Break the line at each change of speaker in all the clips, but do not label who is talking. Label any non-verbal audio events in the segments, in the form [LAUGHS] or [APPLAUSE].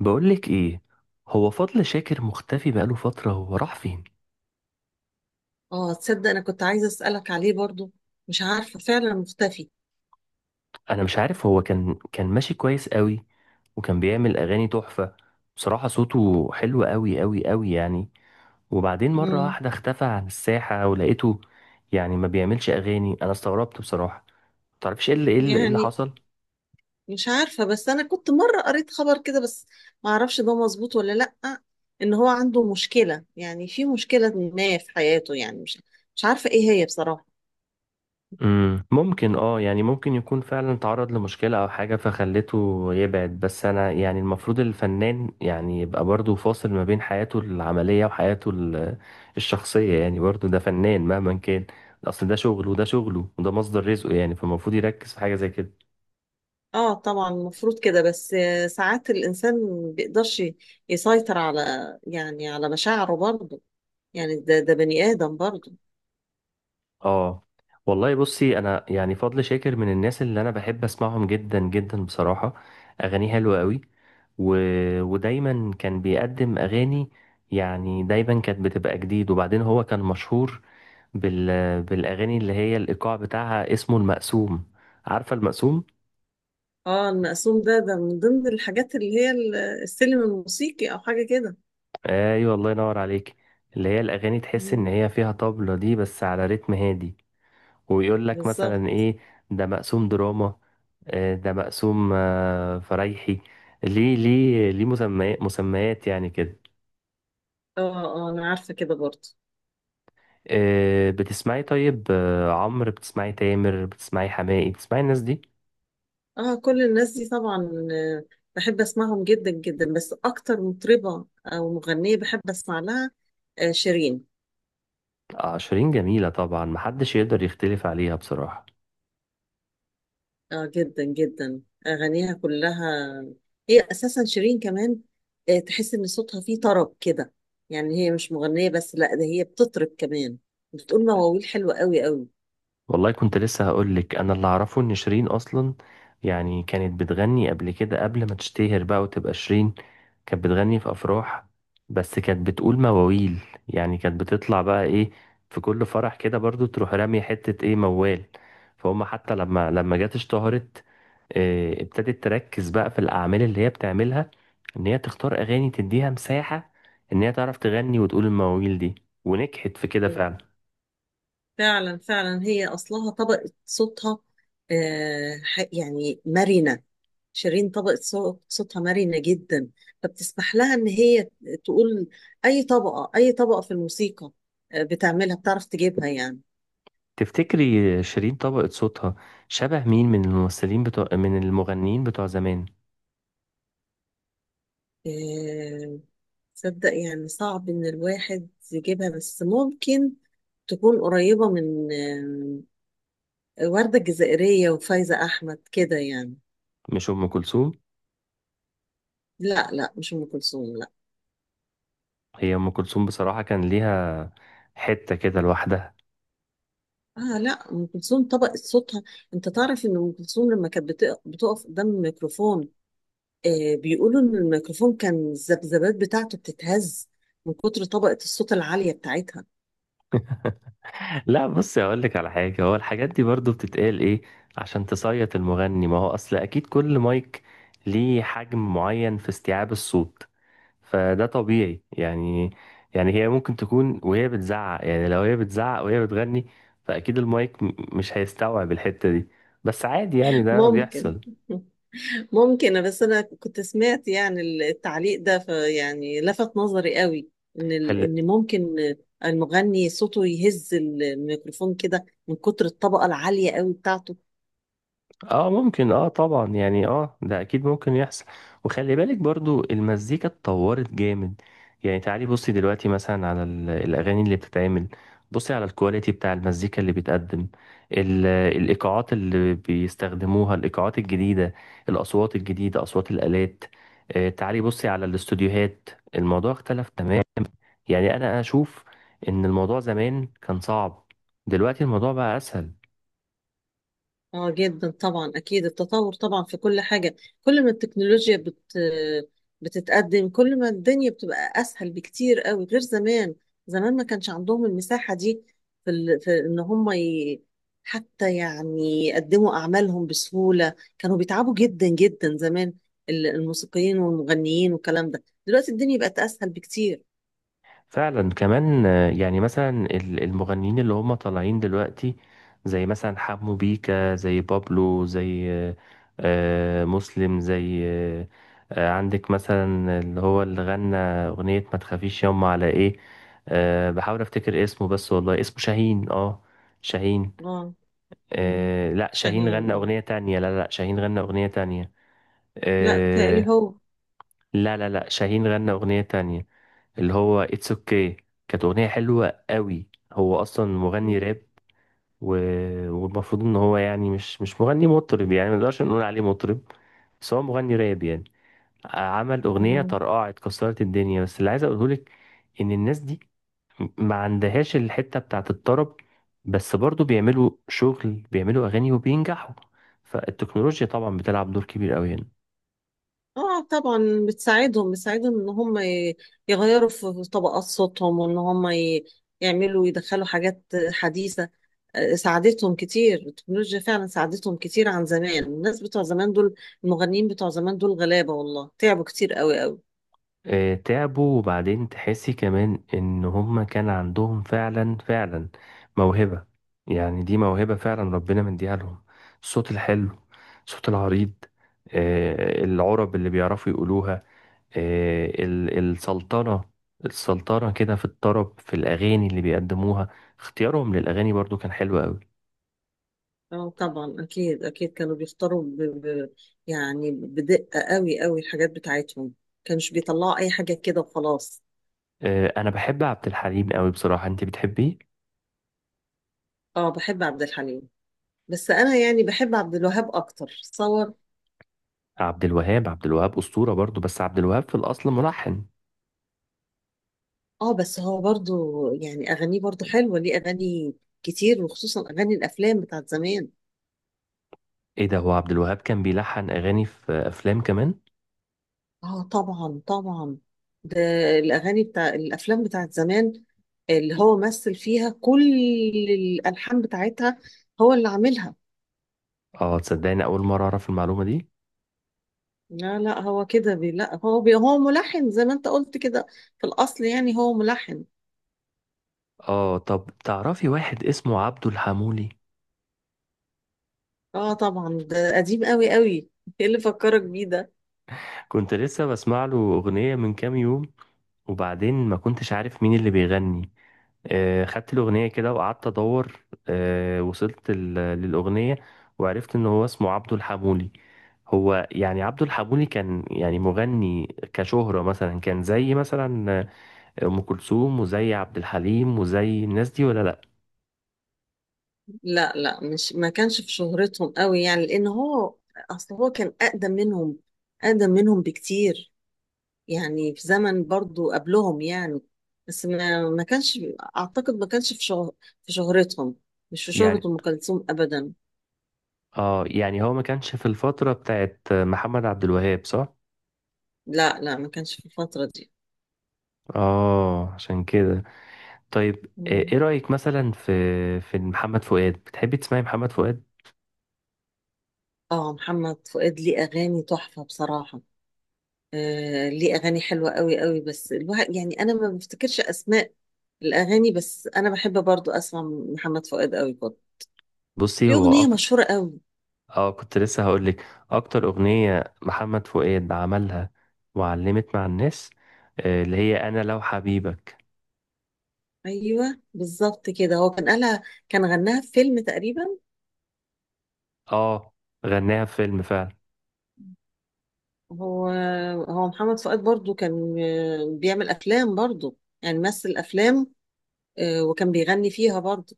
بقولك ايه؟ هو فضل شاكر مختفي بقاله فترة، هو راح فين؟
اه، تصدق؟ انا كنت عايزه اسالك عليه برضو. مش عارفه، فعلا مختفي.
انا مش عارف، هو كان ماشي كويس قوي، وكان بيعمل اغاني تحفة. بصراحة صوته حلو قوي قوي قوي يعني. وبعدين مرة
امم
واحدة اختفى عن الساحة، ولقيته يعني ما بيعملش اغاني. انا استغربت بصراحة. متعرفش ايه اللي ايه اللي إيه اللي
يعني
حصل؟
مش عارفه، بس انا كنت مره قريت خبر كده، بس ما اعرفش ده مظبوط ولا لا. ان هو عنده مشكله، يعني في مشكله ما في حياته، يعني مش عارفه ايه هي بصراحه.
ممكن، اه يعني ممكن يكون فعلا تعرض لمشكلة او حاجة فخلته يبعد. بس انا يعني المفروض الفنان يعني يبقى برضو فاصل ما بين حياته العملية وحياته الشخصية، يعني برضو ده فنان مهما كان. اصل ده شغله وده شغله وده مصدر رزقه، يعني فالمفروض يركز في حاجة زي كده.
اه طبعا المفروض كده، بس ساعات الانسان ما بيقدرش يسيطر على، يعني على مشاعره برضو، يعني ده بني ادم برضو.
اه والله بصي، انا يعني فضل شاكر من الناس اللي انا بحب اسمعهم جدا جدا بصراحة. اغانيه حلوة قوي و... ودايما كان بيقدم اغاني، يعني دايما كانت بتبقى جديد. وبعدين هو كان مشهور بال... بالاغاني اللي هي الايقاع بتاعها اسمه المقسوم. عارفة المقسوم؟
اه، المقسوم ده، ده من ضمن الحاجات اللي هي السلم الموسيقي او حاجه كده.
ايوه، الله ينور عليك. اللي هي الاغاني تحس ان
مم.
هي فيها طبلة دي بس على رتم هادي، ويقول لك
بالظبط.
مثلا ايه، ده مقسوم دراما، آه، ده مقسوم فرايحي. ليه مسميات مسميات يعني كده.
اه، اه، انا عارفه كده برضه.
بتسمعي؟ طيب عمرو، بتسمعي تامر، بتسمعي حماقي، بتسمعي الناس دي؟
اه، كل الناس دي طبعا، بحب اسمعهم جدا جدا، بس اكتر مطربه او مغنيه بحب اسمع لها شيرين.
آه، شيرين جميلة طبعا، محدش يقدر يختلف عليها بصراحة.
اه، جدا جدا، اغانيها كلها. هي اساسا شيرين كمان، تحس ان صوتها فيه طرب كده. يعني هي مش مغنيه بس، لا، ده هي بتطرب كمان، بتقول مواويل حلوه قوي قوي.
والله كنت لسه هقولك، انا اللي اعرفه ان شيرين اصلا يعني كانت بتغني قبل كده، قبل ما تشتهر بقى وتبقى شيرين. كانت بتغني في افراح، بس كانت بتقول مواويل. يعني كانت بتطلع بقى ايه، في كل فرح كده برضو تروح رامية حتة ايه، موال. فهم حتى لما جت اشتهرت، ابتدت تركز بقى في الأعمال اللي هي بتعملها، إن هي تختار أغاني تديها مساحة، إن هي تعرف تغني وتقول المواويل دي، ونجحت في كده فعلا.
فعلا فعلا هي اصلها طبقة صوتها، يعني مرنة. شيرين طبقة صوتها مرنة جدا، فبتسمح لها ان هي تقول اي طبقة اي طبقة في الموسيقى، بتعملها، بتعرف تجيبها يعني.
تفتكري شيرين طبقت صوتها شبه مين، من الممثلين بتوع، من المغنيين بتوع زمان؟
آه، تصدق، يعني صعب ان الواحد يجيبها، بس ممكن تكون قريبة من وردة الجزائرية وفايزة احمد كده يعني.
مش أم كلثوم؟
لا، لا، مش ام كلثوم، لا.
هي أم كلثوم بصراحة كان ليها حتة كده لوحدها.
اه، لا، ام كلثوم طبقت صوتها. انت تعرف ان ام كلثوم لما كانت بتقف قدام الميكروفون، بيقولوا ان الميكروفون كان الذبذبات بتاعته بتتهز من كتر طبقة الصوت العالية بتاعتها.
[LAUGHS] لا بصي، هقول لك على حاجة. هو الحاجات دي برضو بتتقال إيه، عشان تصيط المغني. ما هو أصل أكيد كل مايك ليه حجم معين في استيعاب الصوت، فده طبيعي يعني. يعني هي ممكن تكون وهي بتزعق، يعني لو هي بتزعق وهي بتغني، فأكيد المايك مش هيستوعب الحتة دي. بس عادي يعني، ده
ممكن.
بيحصل.
[LAUGHS] ممكن، بس انا كنت سمعت يعني التعليق ده، فيعني لفت نظري قوي، ان
خلي
ممكن المغني صوته يهز الميكروفون كده من كتر الطبقة العالية قوي بتاعته.
اه، ممكن اه، طبعا يعني ده اكيد ممكن يحصل. وخلي بالك برضو المزيكا اتطورت جامد. يعني تعالي بصي دلوقتي مثلا على الاغاني اللي بتتعمل، بصي على الكواليتي بتاع المزيكا اللي بيتقدم، ال- الايقاعات اللي بيستخدموها، الايقاعات الجديدة، الاصوات الجديدة، اصوات الالات. تعالي بصي على الاستوديوهات، الموضوع اختلف تماما. يعني انا اشوف ان الموضوع زمان كان صعب، دلوقتي الموضوع بقى اسهل.
اه جدا طبعا، اكيد التطور طبعا في كل حاجه. كل ما التكنولوجيا بتتقدم، كل ما الدنيا بتبقى اسهل بكتير قوي غير زمان. زمان ما كانش عندهم المساحه دي في, ال... في ان هم ي... حتى يعني يقدموا اعمالهم بسهوله، كانوا بيتعبوا جدا جدا زمان، الموسيقيين والمغنيين والكلام ده. دلوقتي الدنيا بقت اسهل بكتير.
فعلا كمان يعني مثلا المغنيين اللي هم طالعين دلوقتي، زي مثلا حمو بيكا، زي بابلو، زي مسلم، زي عندك مثلا اللي هو اللي غنى أغنية ما تخافيش يوم على ايه. آه، بحاول افتكر اسمه، بس والله اسمه شاهين، اه شاهين.
اه. مم.
آه، لا شاهين
شاهين،
غنى
اه.
أغنية تانية. لا لا لا، شاهين غنى أغنية تانية.
لا، تقلي
آه،
هو.
لا لا لا شاهين غنى أغنية تانية، اللي هو اتس اوكي. كانت اغنيه حلوه قوي، هو اصلا مغني
مم.
راب و... والمفروض ان هو يعني مش مغني مطرب، يعني ما نقدرش نقول عليه مطرب، بس هو مغني راب يعني. عمل اغنيه
مم.
طرقعت كسرت الدنيا. بس اللي عايز اقوله لك ان الناس دي ما عندهاش الحته بتاعت الطرب، بس برضو بيعملوا شغل، بيعملوا اغاني وبينجحوا. فالتكنولوجيا طبعا بتلعب دور كبير قوي هنا.
اه طبعا بتساعدهم بتساعدهم، ان هم يغيروا في طبقات صوتهم، وان هم يعملوا، يدخلوا حاجات حديثة. ساعدتهم كتير التكنولوجيا، فعلا ساعدتهم كتير عن زمان. الناس بتوع زمان دول، المغنيين بتوع زمان دول غلابة والله، تعبوا كتير قوي قوي.
آه، تعبوا. وبعدين تحسي كمان ان هما كان عندهم فعلا فعلا موهبة. يعني دي موهبة فعلا ربنا مديها لهم، الصوت الحلو، الصوت العريض، آه، العرب اللي بيعرفوا يقولوها، آه، السلطنة. السلطنة كده في الطرب، في الأغاني اللي بيقدموها، اختيارهم للأغاني برضو كان حلو قوي.
اه طبعا، اكيد، اكيد كانوا بيختاروا يعني بدقة قوي قوي الحاجات بتاعتهم، كانش بيطلعوا اي حاجة كده وخلاص.
آه، أنا بحب عبد الحليم قوي بصراحة. أنت بتحبيه؟
اه، بحب عبد الحليم، بس انا يعني بحب عبد الوهاب اكتر صور.
عبد الوهاب، عبد الوهاب أسطورة برضو، بس عبد الوهاب في الأصل ملحن.
اه، بس هو برضو يعني اغانيه برضو حلوه، ليه اغاني كتير، وخصوصا اغاني الافلام بتاعت زمان.
إيه ده، هو عبد الوهاب كان بيلحن أغاني في أفلام كمان؟
اه، طبعا، طبعا. ده الاغاني بتاع الافلام بتاعت زمان اللي هو مثل فيها، كل الالحان بتاعتها هو اللي عاملها.
آه تصدقني أول مرة أعرف المعلومة دي؟
لا، لا، هو كده بي، لا، هو بي، هو ملحن زي ما انت قلت كده، في الاصل يعني هو ملحن.
آه طب تعرفي واحد اسمه عبده الحمولي؟
اه طبعا، ده قديم قوي قوي. ايه اللي فكرك بيه ده؟
كنت لسه بسمع له أغنية من كام يوم، وبعدين ما كنتش عارف مين اللي بيغني. خدت الأغنية كده وقعدت أدور، وصلت للأغنية، وعرفت إن هو اسمه عبده الحمولي. هو يعني عبده الحمولي كان يعني مغني، كشهرة مثلا كان زي مثلا أم كلثوم وزي عبد الحليم وزي الناس دي، ولا لأ؟
لا، لا، مش، ما كانش في شهرتهم قوي، يعني لان هو اصل هو كان اقدم منهم، اقدم منهم بكتير. يعني في زمن برضو قبلهم يعني، بس ما كانش، اعتقد ما كانش في شهر، في شهرتهم، مش في شهرة
يعني
ام كلثوم ابدا.
اه يعني هو ما كانش في الفترة بتاعت محمد عبد الوهاب، صح؟
لا، لا، ما كانش في الفترة دي.
اه عشان كده. طيب ايه
مم.
رأيك مثلا في محمد فؤاد؟ بتحبي تسمعي محمد فؤاد؟
اه، محمد فؤاد ليه اغاني تحفة بصراحة، ليه اغاني حلوة قوي قوي. بس الواحد يعني انا ما بفتكرش اسماء الاغاني، بس انا بحب برضو اسمع محمد فؤاد قوي برضو،
بصي
ليه
هو
أغنية مشهورة قوي.
اه كنت لسه هقول لك، اكتر أغنية محمد فؤاد عملها وعلمت مع الناس، آه، اللي هي انا لو حبيبك.
أيوة بالظبط كده، هو كان قالها، كان غناها في فيلم تقريبا.
اه غناها في فيلم فعلا.
هو هو محمد فؤاد برضو كان بيعمل أفلام برضو، يعني مثل أفلام، وكان بيغني فيها برضو.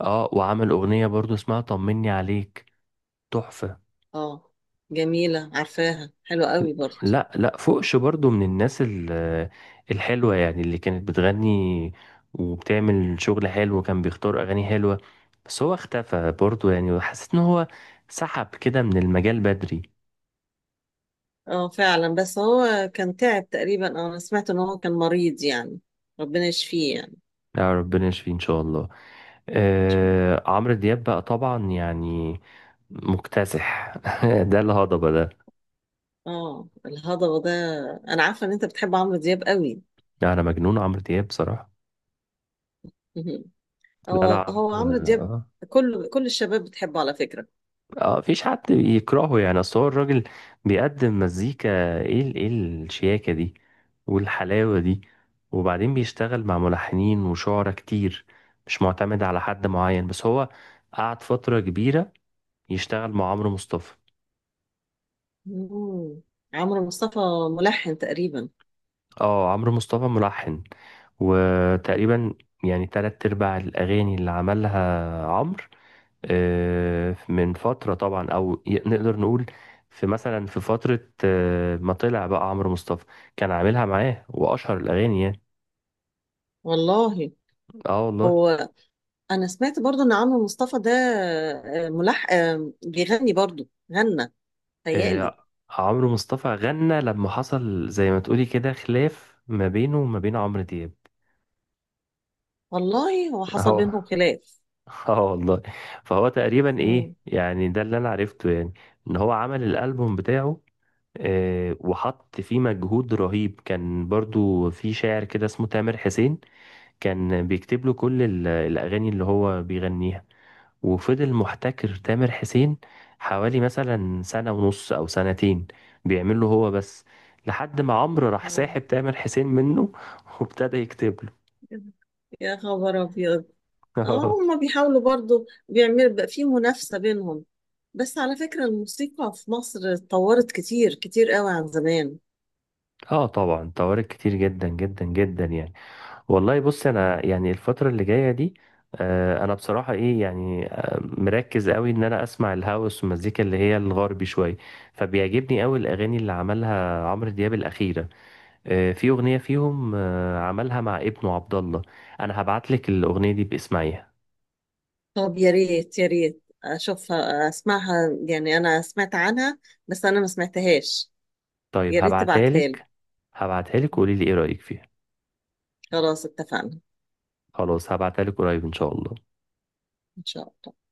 اه وعمل أغنية برضو اسمها طمني عليك، تحفة.
اه، جميلة، عارفاها حلوة قوي برضو.
لا لا فوقش برضو، من الناس الحلوة يعني، اللي كانت بتغني وبتعمل شغل حلو وكان بيختار أغاني حلوة. بس هو اختفى برضو يعني، وحسيت إن هو سحب كده من المجال بدري.
اه، فعلا، بس هو كان تعب تقريبا. اه، انا سمعت ان هو كان مريض يعني، ربنا يشفيه يعني.
لا، ربنا يشفيه إن شاء الله. آه عمرو دياب بقى طبعا، يعني مكتسح. [LAUGHS] ده الهضبة ده،
اه، الهضبة ده. انا عارفة ان انت بتحب عمرو دياب قوي.
أنا مجنون عمرو دياب بصراحة.
[LAUGHS]
لا لا،
هو
عمرو
عمرو دياب،
آه.
كل الشباب بتحبه على فكرة.
اه مفيش حد يكرهه يعني، اصل هو الراجل بيقدم مزيكا. ايه الشياكة دي والحلاوة دي؟ وبعدين بيشتغل مع ملحنين وشعراء كتير، مش معتمد على حد معين، بس هو قعد فترة كبيرة يشتغل مع عمرو مصطفى.
مم. عمرو مصطفى ملحن تقريبا.
اه عمرو مصطفى ملحن. وتقريبا يعني تلات ارباع الاغاني اللي عملها عمرو، آه، من فترة طبعا، أو نقدر نقول في مثلا، في فترة ما طلع بقى عمرو مصطفى، كان عاملها معاه، وأشهر الأغاني يعني.
والله
اه والله.
هو، أنا سمعت برضو إن عمرو مصطفى ده آه، ملح آه، بيغني برضو، غنى تهيألي.
آه، عمرو مصطفى غنى لما حصل زي ما تقولي كده خلاف ما بينه وما بين عمرو دياب.
والله هو حصل
اه
بينهم خلاف.
[LAUGHS] اه والله. فهو تقريبا ايه
مم.
يعني، ده اللي انا عرفته يعني، ان هو عمل الالبوم بتاعه، آه، وحط فيه مجهود رهيب. كان برضو في شاعر كده اسمه تامر حسين، كان بيكتب له كل الأغاني اللي هو بيغنيها. وفضل محتكر تامر حسين حوالي مثلا سنة ونص أو سنتين، بيعمل له هو بس، لحد ما عمرو راح
آه.
ساحب تامر حسين منه [LAUGHS] وابتدى يكتب
يا خبر أبيض. اه،
له.
هما بيحاولوا برضو، بيعملوا بقى في منافسة بينهم، بس على فكرة الموسيقى في مصر اتطورت كتير كتير قوي عن زمان.
[LAUGHS] اه طبعا، طوارئ كتير جدا جدا جدا يعني. والله بص، انا يعني الفترة اللي جاية دي، انا بصراحة ايه يعني، مركز قوي ان انا اسمع الهاوس والمزيكا اللي هي الغربي شوية. فبيعجبني قوي الاغاني اللي عملها عمرو دياب الأخيرة. آه، في أغنية فيهم عملها مع ابنه عبد الله. أنا هبعت لك الأغنية دي، باسمعيها.
طب يا ريت يا ريت اشوفها، اسمعها يعني، انا سمعت عنها بس انا ما سمعتهاش.
طيب
يا ريت
هبعتها
تبعتها لي.
لك. هبعتها لك وقولي لي إيه رأيك فيها.
خلاص، اتفقنا.
خلاص هبعتها لك قريب إن شاء الله.
ان شاء الله.